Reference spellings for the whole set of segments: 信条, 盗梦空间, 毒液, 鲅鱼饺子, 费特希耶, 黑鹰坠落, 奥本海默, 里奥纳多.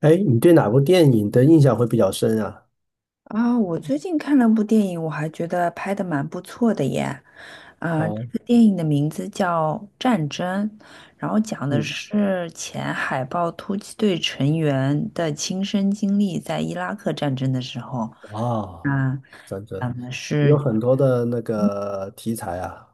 哎，你对哪部电影的印象会比较深啊？我最近看了部电影，我还觉得拍的蛮不错的耶。啊，这哦。个电影的名字叫《战争》，然后讲的嗯。是前海豹突击队成员的亲身经历，在伊拉克战争的时候。啊。啊，战争讲的有是。很多的那个题材啊。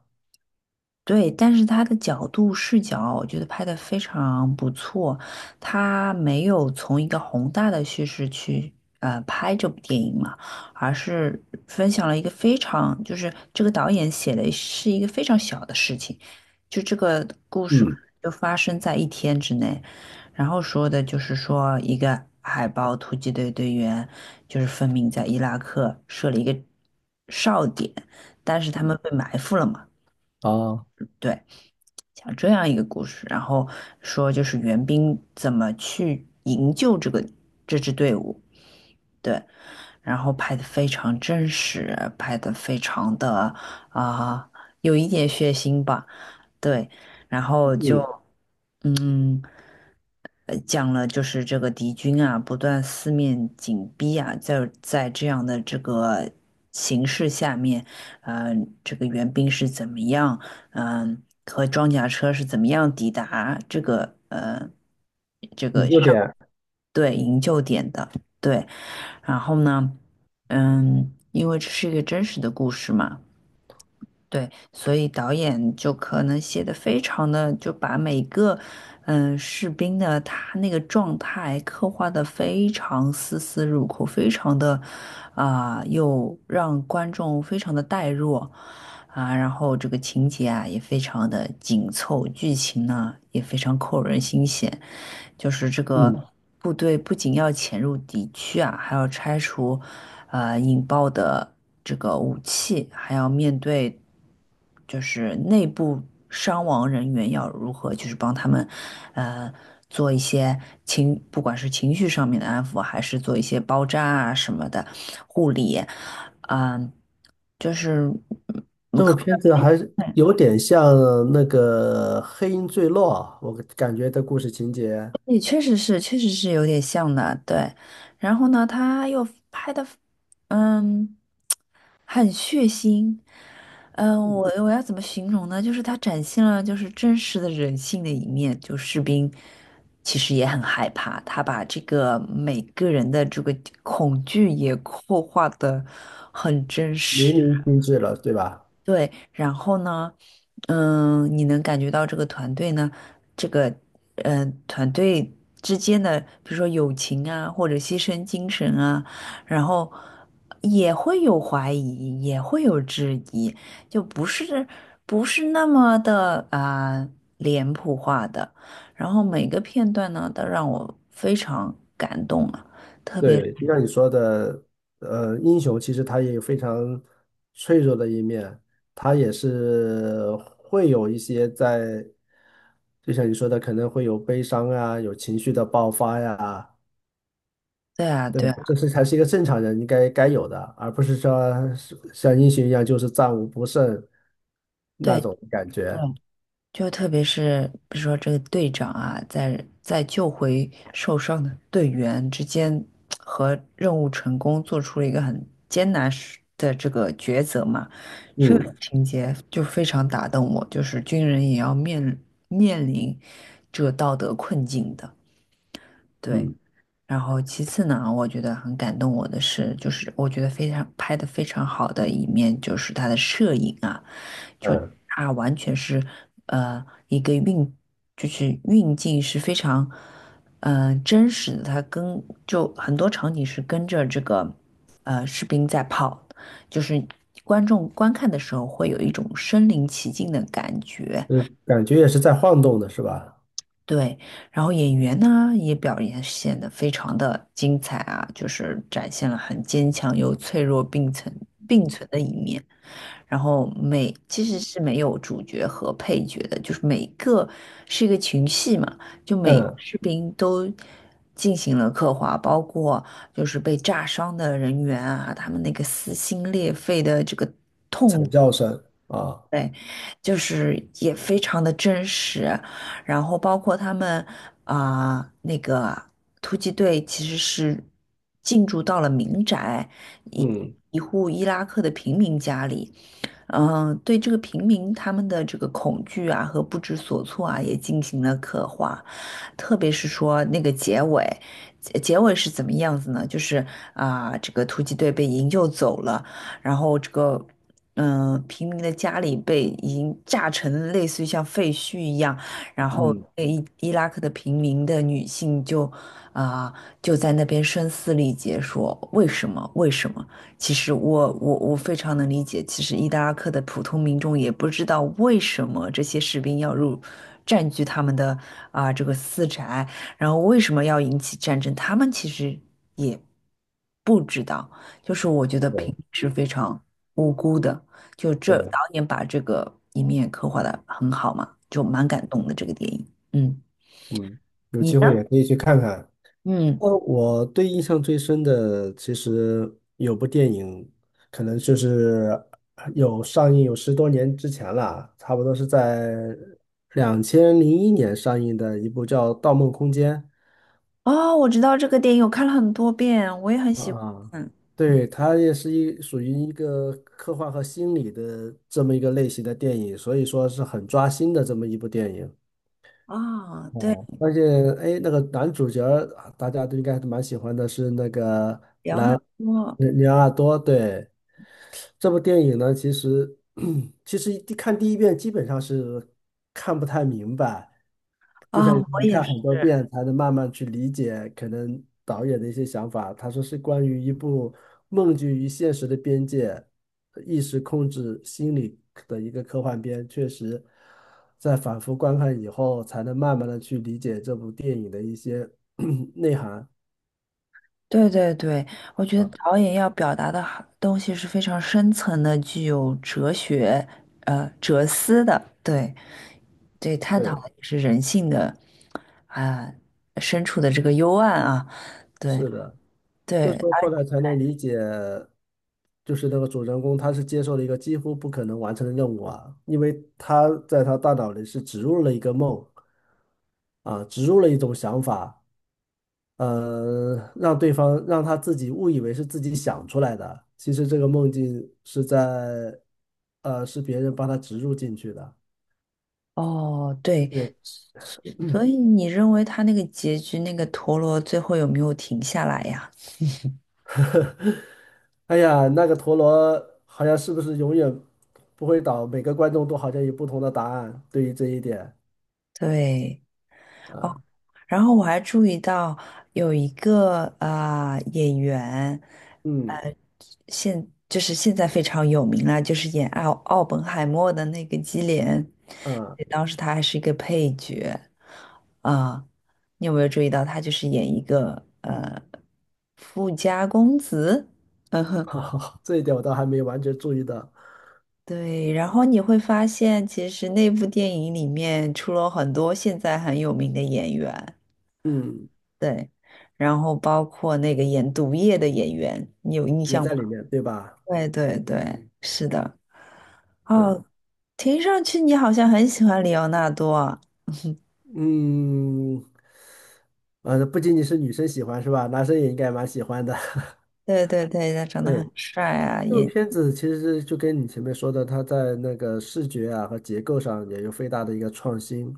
对，但是他的角度视角，我觉得拍得非常不错。他没有从一个宏大的叙事去拍这部电影嘛，而是分享了一个非常，就是这个导演写的是一个非常小的事情，就这个故事可嗯。能就发生在一天之内，然后说的就是说一个海豹突击队队员就是分明在伊拉克设了一个哨点，但是他们被埋伏了嘛。啊。对。讲这样一个故事，然后说就是援兵怎么去营救这个这支队伍，对，然后拍的非常真实，拍的非常的，啊、有一点血腥吧，对，然后就嗯。嗯。讲了就是这个敌军啊，不断四面紧逼啊，在这样的这个形势下面，呃，这个援兵是怎么样，嗯、和装甲车是怎么样抵达这个呃你有点，对营救点的，对，然后呢，嗯，因为这是一个真实的故事嘛。对，所以导演就可能写的非常的，就把每个嗯士兵的他那个状态刻画的非常丝丝入扣，非常的，啊、又让观众非常的带入，啊，然后这个情节啊也非常的紧凑，剧情呢也非常扣人心弦，就是这个嗯。部队不仅要潜入敌区啊，还要拆除引爆的这个武器，还要面对就是内部伤亡人员要如何，就是帮他们呃做一些情，不管是情绪上面的安抚，还是做一些包扎啊什么的护理，嗯、就是。这部片子还是有点像那个《黑鹰坠落》，我感觉的故事情节也确实是，确实是有点像的，对。然后呢，他又拍的，嗯，很血腥，嗯，我要怎么形容呢？就是他展现了就是真实的人性的一面，就士兵其实也很害怕，他把这个每个人的这个恐惧也 刻画的很真淋实。漓尽致了，对吧？对，然后呢，嗯，你能感觉到这个团队呢，这个嗯、呃团队之间的，比如说友情啊，或者牺牲精神啊，然后也会有怀疑，也会有质疑，就不是不是那么的啊、脸谱化的。然后每个片段呢，都让我非常感动啊，特别对，就像你说的，英雄其实他也有非常脆弱的一面，他也是会有一些在，就像你说的，可能会有悲伤啊，有情绪的爆发呀，对啊，对对吧？这啊，是才是一个正常人应该该有的，而不是说是像英雄一样就是战无不胜那对。种感觉。就特别是比如说这个队长啊，在救回受伤的队员之间和任务成功做出了一个很艰难时的这个抉择嘛，这个嗯情节就非常打动我，就是军人也要面临这道德困境的，对。嗯然后其次呢，我觉得很感动我的是，就是我觉得非常拍的非常好的一面，就是他的摄影啊，就嗯。他完全是呃一个运，就是运镜是非常呃真实的，他跟就很多场景是跟着这个呃士兵在跑，就是观众观看的时候会有一种身临其境的感觉，嗯，感觉也是在晃动的，是吧？对，然后演员呢也表演显得非常的精彩啊，就是展现了很坚强又脆弱并存的一面。然后每其实是没有主角和配角的，就是每个是一个群戏嘛，就每个嗯。士兵都进行了刻画，包括就是被炸伤的人员啊，他们那个撕心裂肺的这个惨叫声啊。对，就是也非常的真实，然后包括他们啊、那个突击队其实是进驻到了民宅，一嗯一户伊拉克的平民家里，嗯、对这个平民他们的这个恐惧啊和不知所措啊也进行了刻画，特别是说那个结尾，结尾是怎么样子呢？就是啊、这个突击队被营救走了。然后这个嗯、呃平民的家里被已经炸成类似于像废墟一样，然后嗯。被伊拉克的平民的女性就，啊、就在那边声嘶力竭说为什么？其实我非常能理解，其实伊拉克的普通民众也不知道为什么这些士兵要入。占据他们的啊、这个私宅，然后为什么要引起战争？他们其实也不知道，就是我觉得平对。民是非常。无辜的，就这导对。演把这个一面刻画的很好嘛，就蛮感动的这个电影。嗯，嗯。有你机会呢？也可以去看看。嗯，我对印象最深的，其实有部电影，可能就是有上映有十多年之前了，差不多是在2001年上映的一部叫《盗梦空间》。哦，我知道这个电影，我看了很多遍，我也很喜欢。啊，嗯，对，它也是一属于一个科幻和心理的这么一个类型的电影，所以说是很抓心的这么一部电影。啊、对，哦，而且哎，那个男主角儿大家都应该还蛮喜欢的，是那个辽南多。里奥纳多，对，这部电影呢，其实 其实一看第一遍基本上是看不太明白，就啊、像你我说也看是。很多遍才能慢慢去理解可能导演的一些想法。他说是关于一部梦境与现实的边界、意识控制心理的一个科幻片，确实在反复观看以后，才能慢慢的去理解这部电影的一些 内涵对对对，我觉得啊。导演要表达的好东西是非常深层的，具有哲学、呃哲思的。对对，探讨对，的也是人性的啊、深处的这个幽暗啊。对，是的。对，就说后而来才能理解，就是那个主人公他是接受了一个几乎不可能完成的任务啊，因为他在他大脑里是植入了一个梦啊，植入了一种想法，让对方让他自己误以为是自己想出来的，其实这个梦境是在，是别人帮他植入进去的。哦，对，对，所以你认为他那个结局，那个陀螺最后有没有停下来呀？哎呀，那个陀螺好像是不是永远不会倒？每个观众都好像有不同的答案，对于这一点对，啊。然后我还注意到有一个啊、呃演员，嗯呃，现就是现在非常有名了，就是演奥本海默的那个基连，嗯。对当时他还是一个配角，啊、你有没有注意到他就是演一个呃富家公子？好，这一点我倒还没完全注意到。对，然后你会发现，其实那部电影里面出了很多现在很有名的演员，嗯，对，然后包括那个演毒液的演员，你有印也象在吗？里面，对吧？对对对，是的。对。哦，听上去你好像很喜欢里奥纳多啊。嗯。不仅仅是女生喜欢是吧？男生也应该蛮喜欢的。对对对，他长得很对，帅啊，这个演，片子其实就跟你前面说的，它在那个视觉啊和结构上也有非常大的一个创新。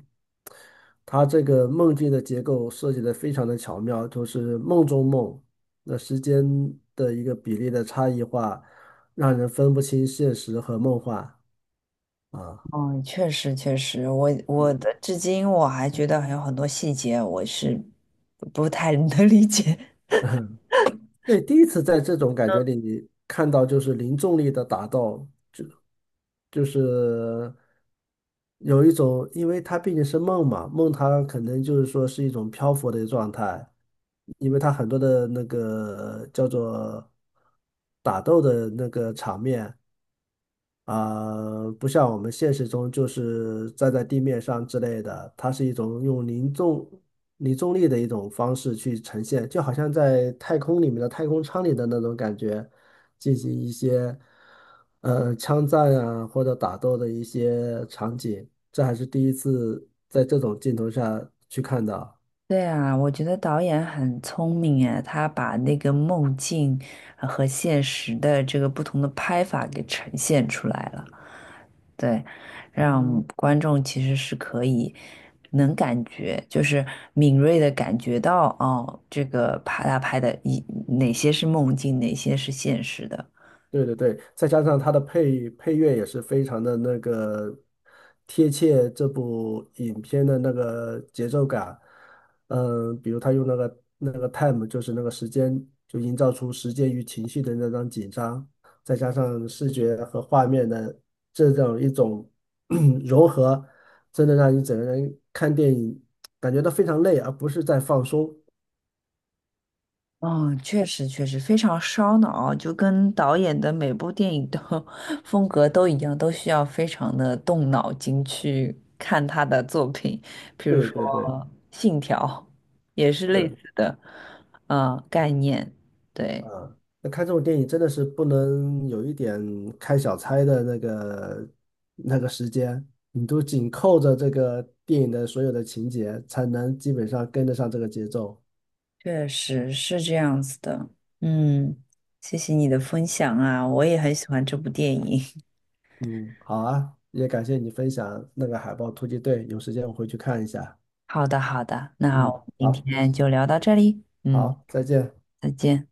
它这个梦境的结构设计的非常的巧妙，就是梦中梦，那时间的一个比例的差异化，让人分不清现实和梦幻啊。嗯，确实确实，我的至今我还觉得还有很多细节我是不太能理解。那第一次在这种感觉里看到就是零重力的打斗，就就是有一种，因为它毕竟是梦嘛，梦它可能就是说是一种漂浮的状态，因为它很多的那个叫做打斗的那个场面，啊、不像我们现实中就是站在地面上之类的，它是一种用零重力的一种方式去呈现，就好像在太空里面的太空舱里的那种感觉，进行一些枪战啊或者打斗的一些场景，这还是第一次在这种镜头下去看到。对啊，我觉得导演很聪明哎，他把那个梦境呃和现实的这个不同的拍法给呈现出来了，对，让嗯观众其实是可以能感觉，就是敏锐的感觉到哦，这个拍他拍的一哪些是梦境，哪些是现实的，对对对，再加上它的配乐也是非常的那个贴切这部影片的那个节奏感，嗯，比如他用那个 time，就是那个时间，就营造出时间与情绪的那张紧张，再加上视觉和画面的这种一种 融合，真的让你整个人看电影感觉到非常累，而不是在放松。嗯，确实确实非常烧脑啊，就跟导演的每部电影的 风格都一样，都需要非常的动脑筋去看他的作品。比如对说对对，《信条》，也是类是。似的，呃，概念。对，啊，那看这种电影真的是不能有一点开小差的那个时间，你都紧扣着这个电影的所有的情节，才能基本上跟得上这个节奏。确实是这样子的。嗯，谢谢你的分享啊，我也很喜欢这部电影。嗯，好啊，也感谢你分享那个海豹突击队，有时间我回去看一下。好的，好的，那嗯，我们今好，天就聊到这里。嗯，好，再见。再见。